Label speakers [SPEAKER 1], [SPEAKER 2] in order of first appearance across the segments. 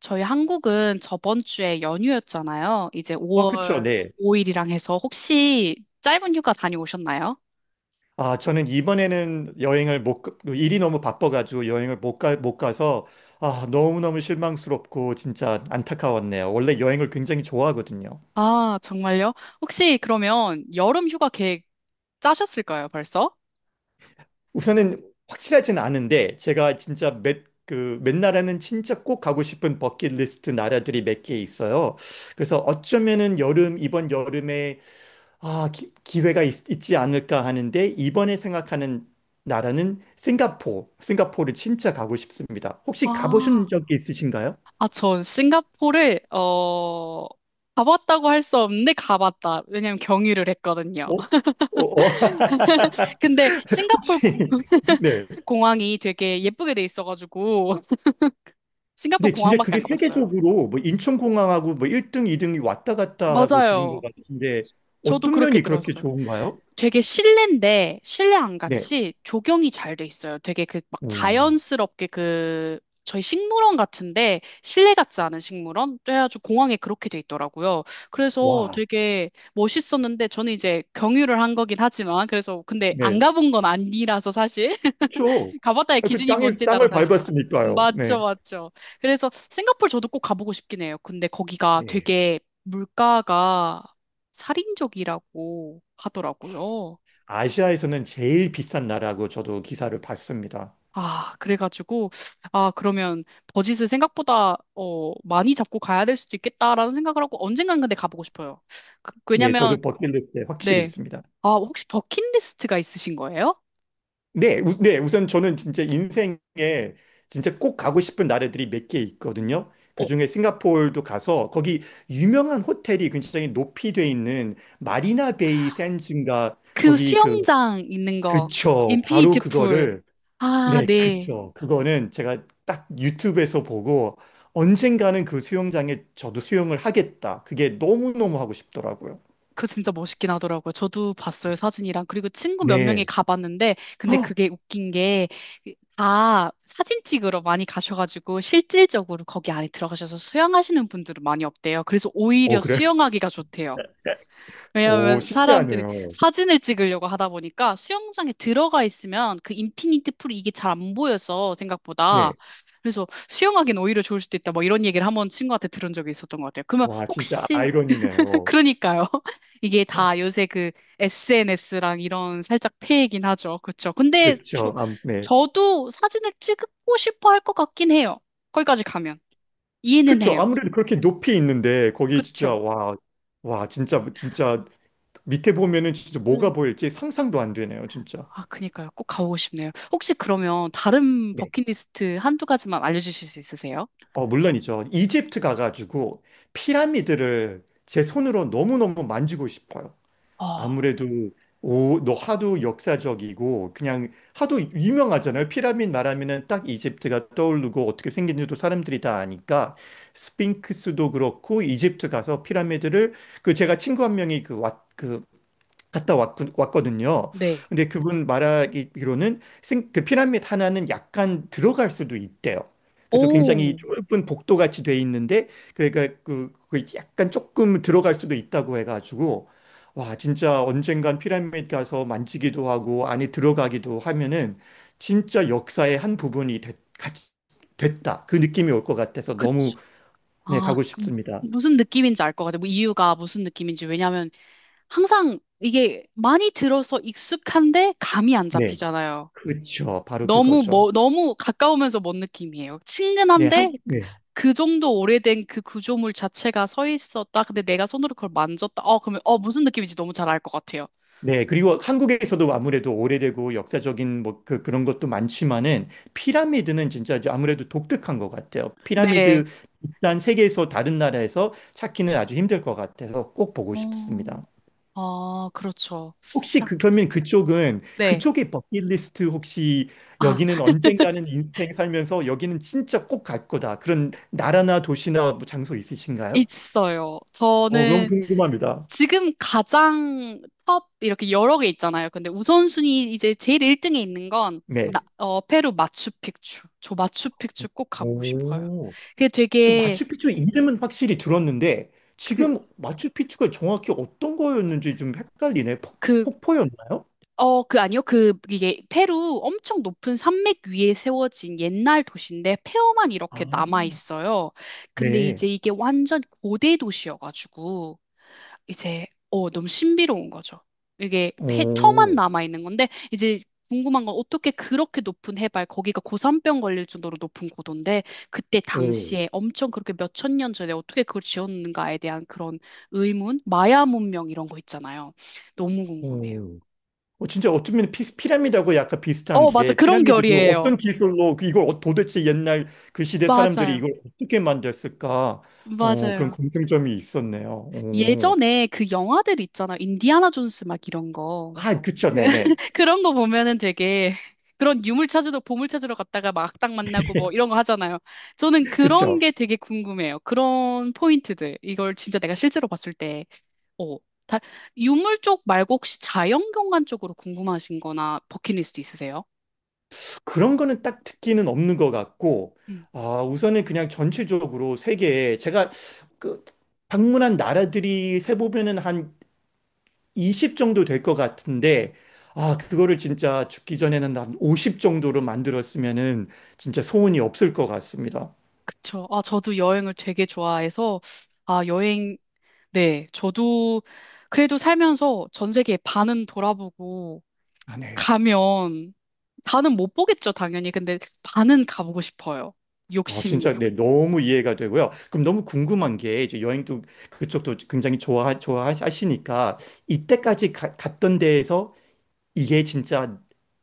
[SPEAKER 1] 저희 한국은 저번 주에 연휴였잖아요. 이제
[SPEAKER 2] 어, 그쵸,
[SPEAKER 1] 5월
[SPEAKER 2] 네.
[SPEAKER 1] 5일이랑 해서 혹시 짧은 휴가 다녀오셨나요?
[SPEAKER 2] 아, 저는 이번에는 여행을 못, 가- 일이 너무 바빠가지고 여행을 못 가서, 아, 너무너무 실망스럽고 진짜 안타까웠네요. 원래 여행을 굉장히 좋아하거든요.
[SPEAKER 1] 아, 정말요? 혹시 그러면 여름 휴가 계획 짜셨을까요, 벌써?
[SPEAKER 2] 우선은 확실하진 않은데, 제가 진짜 몇 나라는 진짜 꼭 가고 싶은 버킷리스트 나라들이 몇 개 있어요. 그래서 어쩌면은 이번 여름에 아, 기회가 있지 않을까 하는데 이번에 생각하는 나라는 싱가포르. 싱가포르 진짜 가고 싶습니다. 혹시
[SPEAKER 1] 아,
[SPEAKER 2] 가보신 적이 있으신가요?
[SPEAKER 1] 아, 전 싱가포르를, 가봤다고 할 수 없는데 가봤다. 왜냐면 경유를 했거든요.
[SPEAKER 2] 어? 어, 어.
[SPEAKER 1] 근데 싱가포르
[SPEAKER 2] 혹시 네.
[SPEAKER 1] 공항이 되게 예쁘게 돼 있어가지고 싱가포르
[SPEAKER 2] 근데 진짜
[SPEAKER 1] 공항밖에
[SPEAKER 2] 그게
[SPEAKER 1] 안 가봤어요.
[SPEAKER 2] 세계적으로 뭐 인천공항하고 뭐 1등, 2등이 왔다 갔다 하고 들은 것
[SPEAKER 1] 맞아요.
[SPEAKER 2] 같은데
[SPEAKER 1] 저도
[SPEAKER 2] 어떤
[SPEAKER 1] 그렇게
[SPEAKER 2] 면이 그렇게
[SPEAKER 1] 들었어요.
[SPEAKER 2] 좋은가요?
[SPEAKER 1] 되게 실내인데 실내 안
[SPEAKER 2] 네.
[SPEAKER 1] 같이 조경이 잘 돼 있어요. 되게 그 막
[SPEAKER 2] 음.
[SPEAKER 1] 자연스럽게 그 저희 식물원 같은데 실내 같지 않은 식물원? 그래가지고 공항에 그렇게 돼 있더라고요. 그래서
[SPEAKER 2] 와.
[SPEAKER 1] 되게 멋있었는데 저는 이제 경유를 한 거긴 하지만 그래서 근데 안
[SPEAKER 2] 네.
[SPEAKER 1] 가본 건 아니라서 사실
[SPEAKER 2] 그렇죠.
[SPEAKER 1] 가봤다의
[SPEAKER 2] 아, 그
[SPEAKER 1] 기준이
[SPEAKER 2] 땅에
[SPEAKER 1] 뭔지에 따라
[SPEAKER 2] 땅을
[SPEAKER 1] 다르니까.
[SPEAKER 2] 밟았으니까요.
[SPEAKER 1] 맞죠,
[SPEAKER 2] 네.
[SPEAKER 1] 맞죠. 그래서 싱가포르 저도 꼭 가보고 싶긴 해요. 근데 거기가
[SPEAKER 2] 네.
[SPEAKER 1] 되게 물가가 살인적이라고 하더라고요.
[SPEAKER 2] 아시아에서는 제일 비싼 나라고 저도 기사를 봤습니다.
[SPEAKER 1] 아, 그래가지고, 아, 그러면 버짓을 생각보다, 많이 잡고 가야 될 수도 있겠다라는 생각을 하고 언젠간 근데 가보고 싶어요.
[SPEAKER 2] 네,
[SPEAKER 1] 왜냐면,
[SPEAKER 2] 저도 버킷리스트에 확실히
[SPEAKER 1] 네.
[SPEAKER 2] 있습니다.
[SPEAKER 1] 아, 혹시 버킷리스트가 있으신 거예요?
[SPEAKER 2] 네, 우선 저는 진짜 인생에 진짜 꼭 가고 싶은 나라들이 몇 개
[SPEAKER 1] 음.
[SPEAKER 2] 있거든요.
[SPEAKER 1] 어,
[SPEAKER 2] 그중에 싱가포르도 가서 거기 유명한 호텔이 굉장히 높이 돼 있는 마리나 베이 샌즈인가
[SPEAKER 1] 그
[SPEAKER 2] 거기, 그,
[SPEAKER 1] 수영장 있는 거,
[SPEAKER 2] 그쵸,
[SPEAKER 1] 인피니
[SPEAKER 2] 바로
[SPEAKER 1] 트 풀.
[SPEAKER 2] 그거를.
[SPEAKER 1] 아,
[SPEAKER 2] 네,
[SPEAKER 1] 네.
[SPEAKER 2] 그쵸. 그거는 제가 딱 유튜브에서 보고 언젠가는 그 수영장에 저도 수영을 하겠다. 그게 너무너무 하고 싶더라고요.
[SPEAKER 1] 그거 진짜 멋있긴 하더라고요. 저도 봤어요, 사진이랑. 그리고 친구 몇 명이
[SPEAKER 2] 네.
[SPEAKER 1] 가봤는데, 근데
[SPEAKER 2] 헉!
[SPEAKER 1] 그게 웃긴 게, 다 사진 찍으러 많이 가셔가지고, 실질적으로 거기 안에 들어가셔서 수영하시는 분들은 많이 없대요. 그래서
[SPEAKER 2] 어,
[SPEAKER 1] 오히려
[SPEAKER 2] 그래?
[SPEAKER 1] 수영하기가 좋대요.
[SPEAKER 2] 오,
[SPEAKER 1] 왜냐하면 사람들이
[SPEAKER 2] 신기하네요.
[SPEAKER 1] 사진을 찍으려고 하다 보니까 수영장에 들어가 있으면 그 인피니트 풀이 이게 잘 안 보여서 생각보다.
[SPEAKER 2] 네.
[SPEAKER 1] 그래서 수영하기는 오히려 좋을 수도 있다. 뭐 이런 얘기를 한 번 친구한테 들은 적이 있었던 것 같아요. 그러면
[SPEAKER 2] 와, 진짜
[SPEAKER 1] 혹시
[SPEAKER 2] 아이러니네요.
[SPEAKER 1] 그러니까요. 이게 다 요새 그 SNS랑 이런 살짝 폐이긴 하죠. 그쵸. 근데 저,
[SPEAKER 2] 그쵸. 아, 네.
[SPEAKER 1] 저도 사진을 찍고 싶어 할 것 같긴 해요. 거기까지 가면. 이해는
[SPEAKER 2] 그쵸.
[SPEAKER 1] 해요.
[SPEAKER 2] 아무래도 그렇게 높이 있는데, 거기 진짜,
[SPEAKER 1] 그쵸.
[SPEAKER 2] 와, 와, 진짜, 진짜, 밑에 보면은 진짜
[SPEAKER 1] 네.
[SPEAKER 2] 뭐가 보일지 상상도 안 되네요, 진짜.
[SPEAKER 1] 아, 그니까요. 꼭 가보고 싶네요. 혹시 그러면 다른
[SPEAKER 2] 네.
[SPEAKER 1] 버킷리스트 한두 가지만 알려주실 수 있으세요?
[SPEAKER 2] 어, 물론이죠. 이집트 가가지고 피라미드를 제 손으로 너무너무 만지고 싶어요.
[SPEAKER 1] 아,
[SPEAKER 2] 아무래도 오, 너 하도 역사적이고 그냥 하도 유명하잖아요. 피라미드 말하면은 딱 이집트가 떠오르고 어떻게 생긴지도 사람들이 다 아니까 스핑크스도 그렇고 이집트 가서 피라미드를. 그 제가 친구 한 명이 그왔그 갔다 왔 왔거든요.
[SPEAKER 1] 네.
[SPEAKER 2] 근데 그분 말하기로는 그 피라미드 하나는 약간 들어갈 수도 있대요. 그래서 굉장히
[SPEAKER 1] 오,
[SPEAKER 2] 좁은 복도 같이 돼 있는데 그러니까 그 약간 조금 들어갈 수도 있다고 해가지고 와 진짜 언젠간 피라미드 가서 만지기도 하고 안에 들어가기도 하면은 진짜 역사의 한 부분이 같이 됐다 그 느낌이 올 것 같아서 너무.
[SPEAKER 1] 그쵸.
[SPEAKER 2] 네
[SPEAKER 1] 아,
[SPEAKER 2] 가고
[SPEAKER 1] 그
[SPEAKER 2] 싶습니다.
[SPEAKER 1] 무슨 느낌인지 알 것 같아요. 뭐 이유가 무슨 느낌인지. 왜냐하면 항상 이게 많이 들어서 익숙한데 감이 안
[SPEAKER 2] 네,
[SPEAKER 1] 잡히잖아요.
[SPEAKER 2] 그렇죠. 바로
[SPEAKER 1] 너무
[SPEAKER 2] 그거죠.
[SPEAKER 1] 뭐 너무 가까우면서 먼 느낌이에요.
[SPEAKER 2] 네,
[SPEAKER 1] 친근한데
[SPEAKER 2] 한, 네.
[SPEAKER 1] 그 정도 오래된 그 구조물 자체가 서 있었다. 근데 내가 손으로 그걸 만졌다. 그러면 무슨 느낌인지 너무 잘 알 것 같아요.
[SPEAKER 2] 네, 그리고 한국에서도 아무래도 오래되고 역사적인 뭐 그런 것도 많지만은 피라미드는 진짜 이제 아무래도 독특한 것 같아요.
[SPEAKER 1] 네.
[SPEAKER 2] 피라미드 일단 세계에서 다른 나라에서 찾기는 아주 힘들 것 같아서 꼭 보고
[SPEAKER 1] 어,
[SPEAKER 2] 싶습니다.
[SPEAKER 1] 아 그렇죠.
[SPEAKER 2] 혹시
[SPEAKER 1] 피라.
[SPEAKER 2] 그러면 그쪽은
[SPEAKER 1] 네.
[SPEAKER 2] 그쪽의 버킷리스트 혹시
[SPEAKER 1] 아
[SPEAKER 2] 여기는 언젠가는 인생 살면서 여기는 진짜 꼭 갈 거다. 그런 나라나 도시나 뭐 장소 있으신가요?
[SPEAKER 1] 있어요.
[SPEAKER 2] 어, 너무
[SPEAKER 1] 저는
[SPEAKER 2] 궁금합니다.
[SPEAKER 1] 지금 가장 top 이렇게 여러 개 있잖아요. 근데 우선순위 이제 제일 1등에 있는 건 나,
[SPEAKER 2] 네.
[SPEAKER 1] 페루 마추픽추. 저 마추픽추 꼭 가보고 싶어요.
[SPEAKER 2] 오.
[SPEAKER 1] 그게
[SPEAKER 2] 그
[SPEAKER 1] 되게
[SPEAKER 2] 마추픽추 이름은 확실히 들었는데
[SPEAKER 1] 그,
[SPEAKER 2] 지금 마추픽추가 정확히 어떤 거였는지 좀 헷갈리네.
[SPEAKER 1] 그,
[SPEAKER 2] 폭포였나요?
[SPEAKER 1] 그 아니요. 그 이게 페루 엄청 높은 산맥 위에 세워진 옛날 도시인데 폐허만
[SPEAKER 2] 아,
[SPEAKER 1] 이렇게 남아 있어요. 근데
[SPEAKER 2] 네.
[SPEAKER 1] 이제 이게 완전 고대 도시여가지고 이제 너무 신비로운 거죠. 이게 터만
[SPEAKER 2] 오,
[SPEAKER 1] 남아 있는 건데 이제 궁금한 건 어떻게 그렇게 높은 해발 거기가 고산병 걸릴 정도로 높은 고도인데 그때
[SPEAKER 2] 오,
[SPEAKER 1] 당시에 엄청 그렇게 몇 천년 전에 어떻게 그걸 지었는가에 대한 그런 의문, 마야 문명 이런 거 있잖아요. 너무 궁금해요.
[SPEAKER 2] 오. 어, 진짜 어쩌면 피라미드하고 약간 비슷한
[SPEAKER 1] 맞아.
[SPEAKER 2] 게
[SPEAKER 1] 그런
[SPEAKER 2] 피라미드도
[SPEAKER 1] 결이에요.
[SPEAKER 2] 어떤 기술로 그 이걸 도대체 옛날 그 시대 사람들이
[SPEAKER 1] 맞아요.
[SPEAKER 2] 이걸 어떻게 만들었을까? 어, 그런
[SPEAKER 1] 맞아요.
[SPEAKER 2] 공통점이 있었네요. 오.
[SPEAKER 1] 예전에 그 영화들 있잖아요. 인디아나 존스 막 이런 거.
[SPEAKER 2] 아, 그쵸, 네네.
[SPEAKER 1] 그런 거 보면은 되게 그런 유물 찾으러 보물 찾으러 갔다가 막 딱 만나고 뭐 이런 거 하잖아요. 저는 그런
[SPEAKER 2] 그쵸.
[SPEAKER 1] 게 되게 궁금해요. 그런 포인트들. 이걸 진짜 내가 실제로 봤을 때, 어, 다, 유물 쪽 말고 혹시 자연경관 쪽으로 궁금하신 거나 버킷리스트 있으세요?
[SPEAKER 2] 그런 거는 딱 특기는 없는 것 같고,
[SPEAKER 1] 음,
[SPEAKER 2] 아, 우선은 그냥 전체적으로 세계에 제가 그 방문한 나라들이 세보면은 한 20 정도 될 것 같은데, 아, 그거를 진짜 죽기 전에는 한 50 정도로 만들었으면은 진짜 소원이 없을 것 같습니다.
[SPEAKER 1] 그쵸. 아, 저도 여행을 되게 좋아해서, 아, 네, 저도 그래도 살면서 전 세계 반은 돌아보고
[SPEAKER 2] 아, 네.
[SPEAKER 1] 가면 다는 못 보겠죠, 당연히. 근데 다는 가보고 싶어요.
[SPEAKER 2] 아,
[SPEAKER 1] 욕심.
[SPEAKER 2] 진짜, 네, 너무 이해가 되고요. 그럼 너무 궁금한 게, 이제 여행도 그쪽도 굉장히 좋아하시니까, 이때까지 갔던 데에서 이게 진짜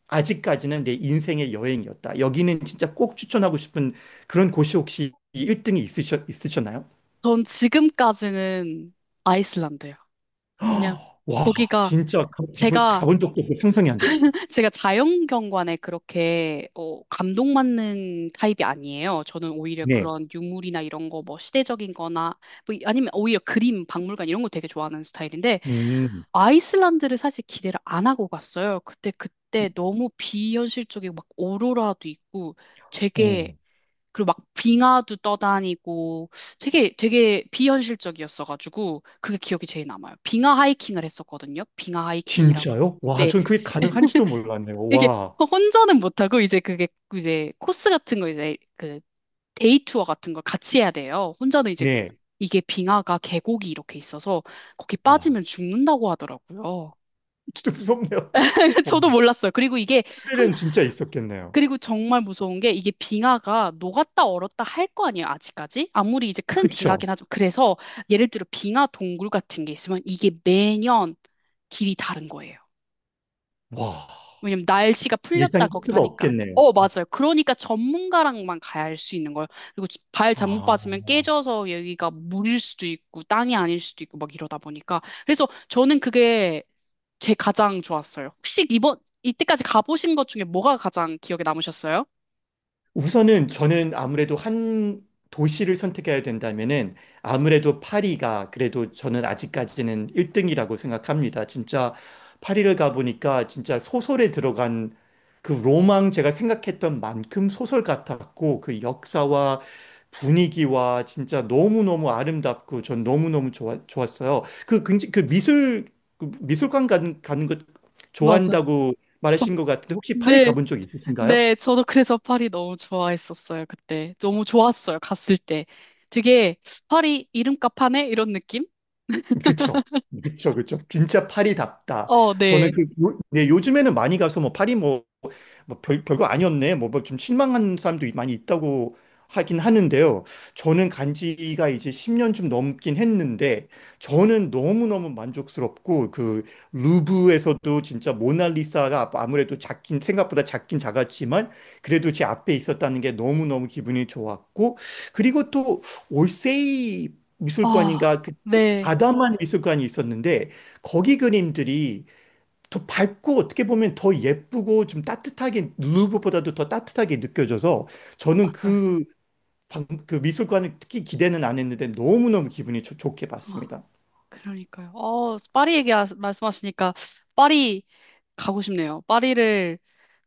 [SPEAKER 2] 아직까지는 내 인생의 여행이었다. 여기는 진짜 꼭 추천하고 싶은 그런 곳이 혹시 1등이 있으셨나요?
[SPEAKER 1] 전 지금까지는 아이슬란드요. 그냥
[SPEAKER 2] 와,
[SPEAKER 1] 거기가
[SPEAKER 2] 진짜
[SPEAKER 1] 제가
[SPEAKER 2] 가본 적도 없고 상상이 안 되네요.
[SPEAKER 1] 제가 자연경관에 그렇게 감동받는 타입이 아니에요. 저는 오히려
[SPEAKER 2] 네.
[SPEAKER 1] 그런 유물이나 이런 거 뭐 시대적인 거나 뭐 아니면 오히려 그림, 박물관 이런 거 되게 좋아하는 스타일인데
[SPEAKER 2] 음,
[SPEAKER 1] 아이슬란드를 사실 기대를 안 하고 갔어요. 그때 너무 비현실적이고 막 오로라도 있고 되게
[SPEAKER 2] 어.
[SPEAKER 1] 그리고 막 빙하도 떠다니고 되게 되게 비현실적이었어가지고 그게 기억이 제일 남아요. 빙하 하이킹을 했었거든요. 빙하 하이킹이라고.
[SPEAKER 2] 진짜요? 와,
[SPEAKER 1] 네,
[SPEAKER 2] 전 그게 가능한지도 몰랐네요.
[SPEAKER 1] 이게
[SPEAKER 2] 와,
[SPEAKER 1] 혼자는 못하고 이제 그게 이제 코스 같은 거 이제 그 데이 투어 같은 걸 같이 해야 돼요. 혼자는 이제
[SPEAKER 2] 네.
[SPEAKER 1] 이게 빙하가 계곡이 이렇게 있어서 거기
[SPEAKER 2] 와,
[SPEAKER 1] 빠지면 죽는다고 하더라고요.
[SPEAKER 2] 진짜 무섭네요. 어,
[SPEAKER 1] 저도 몰랐어요. 그리고 이게
[SPEAKER 2] 스릴은 진짜 있었겠네요.
[SPEAKER 1] 그리고 정말 무서운 게 이게 빙하가 녹았다 얼었다 할 거 아니에요, 아직까지? 아무리 이제 큰 빙하긴
[SPEAKER 2] 그쵸?
[SPEAKER 1] 하죠. 그래서 예를 들어 빙하 동굴 같은 게 있으면 이게 매년 길이 다른 거예요.
[SPEAKER 2] 와,
[SPEAKER 1] 왜냐면 날씨가 풀렸다
[SPEAKER 2] 예상할
[SPEAKER 1] 거기도
[SPEAKER 2] 수가
[SPEAKER 1] 하니까.
[SPEAKER 2] 없겠네요.
[SPEAKER 1] 어, 맞아요. 그러니까 전문가랑만 가야 할 수 있는 거예요. 그리고 발 잘못
[SPEAKER 2] 아.
[SPEAKER 1] 빠지면 깨져서 여기가 물일 수도 있고 땅이 아닐 수도 있고 막 이러다 보니까. 그래서 저는 그게 제 가장 좋았어요. 혹시 이때까지 가보신 것 중에 뭐가 가장 기억에 남으셨어요?
[SPEAKER 2] 우선은 저는 아무래도 한 도시를 선택해야 된다면은 아무래도 파리가 그래도 저는 아직까지는 1등이라고 생각합니다. 진짜 파리를 가보니까 진짜 소설에 들어간 그 로망 제가 생각했던 만큼 소설 같았고 그 역사와 분위기와 진짜 너무너무 아름답고 전 너무너무 좋았어요. 그 미술관 가는 것
[SPEAKER 1] 맞아.
[SPEAKER 2] 좋아한다고
[SPEAKER 1] 저-
[SPEAKER 2] 말하신 것 같은데 혹시 파리
[SPEAKER 1] 네,
[SPEAKER 2] 가본 적 있으신가요?
[SPEAKER 1] 네, 저도 그래서 파리 너무 좋아했었어요, 그때. 너무 좋았어요, 갔을 때. 되게, 파리 이름값 하네? 이런 느낌?
[SPEAKER 2] 그쵸. 그쵸, 그쵸. 진짜 파리답다.
[SPEAKER 1] 어,
[SPEAKER 2] 저는
[SPEAKER 1] 네.
[SPEAKER 2] 네, 요즘에는 많이 가서 뭐 파리 뭐 뭐 별거 아니었네. 뭐 뭐 좀 실망한 사람도 많이 있다고 하긴 하는데요. 저는 간 지가 이제 10년 좀 넘긴 했는데 저는 너무너무 만족스럽고 그 루브에서도 진짜 모나리사가 아무래도 작긴 생각보다 작긴 작았지만 그래도 제 앞에 있었다는 게 너무너무 기분이 좋았고 그리고 또 올세이
[SPEAKER 1] 아,
[SPEAKER 2] 미술관인가 그
[SPEAKER 1] 네.
[SPEAKER 2] 아담한 미술관이 있었는데 거기 그림들이 더 밝고 어떻게 보면 더 예쁘고 좀 따뜻하게 루브보다도 더 따뜻하게 느껴져서 저는
[SPEAKER 1] 맞아요.
[SPEAKER 2] 그 미술관을 특히 기대는 안 했는데 너무너무 기분이 좋게
[SPEAKER 1] 아,
[SPEAKER 2] 봤습니다.
[SPEAKER 1] 그러니까요. 파리 얘기 말씀하시니까, 파리 가고 싶네요. 파리를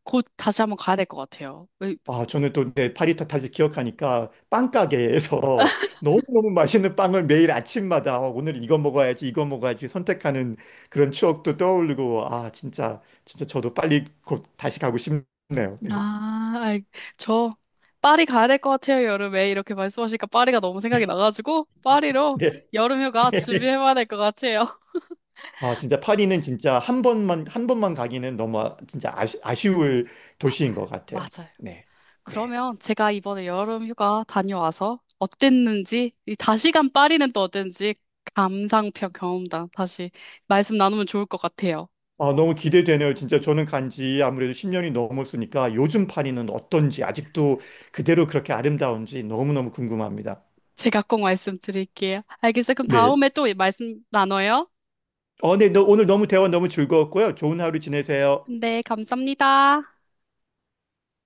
[SPEAKER 1] 곧 다시 한번 가야 될 것 같아요.
[SPEAKER 2] 아, 저는 또 내 파리타 다시 기억하니까 빵가게에서 너무너무 맛있는 빵을 매일 아침마다 어, 오늘 이거 먹어야지 이거 먹어야지 선택하는 그런 추억도 떠오르고 아 진짜 진짜 저도 빨리 곧 다시 가고 싶네요. 네.
[SPEAKER 1] 아, 아이, 저, 파리 가야 될 것 같아요, 여름에. 이렇게 말씀하시니까 파리가 너무 생각이 나가지고, 파리로 여름휴가
[SPEAKER 2] 네.
[SPEAKER 1] 준비해봐야 될 것 같아요.
[SPEAKER 2] 아, 진짜 파리는 진짜 한 번만, 한 번만 가기는 너무 진짜 아쉬울
[SPEAKER 1] 맞아요.
[SPEAKER 2] 도시인 것 같아요.
[SPEAKER 1] 맞아요.
[SPEAKER 2] 네. 네.
[SPEAKER 1] 그러면 제가 이번에 여름 휴가 다녀와서 어땠는지, 이 다시간 파리는 또 어땠는지 감상평 경험담 다시 말씀 나누면 좋을 것 같아요.
[SPEAKER 2] 아, 너무 기대되네요. 진짜 저는 간지 아무래도 10년이 넘었으니까 요즘 파리는 어떤지 아직도 그대로 그렇게 아름다운지 너무너무 궁금합니다.
[SPEAKER 1] 제가 꼭 말씀드릴게요. 알겠어요. 그럼
[SPEAKER 2] 네.
[SPEAKER 1] 다음에 또 말씀 나눠요.
[SPEAKER 2] 어, 네. 오늘 너무 대화 너무 즐거웠고요. 좋은 하루 지내세요.
[SPEAKER 1] 네, 감사합니다.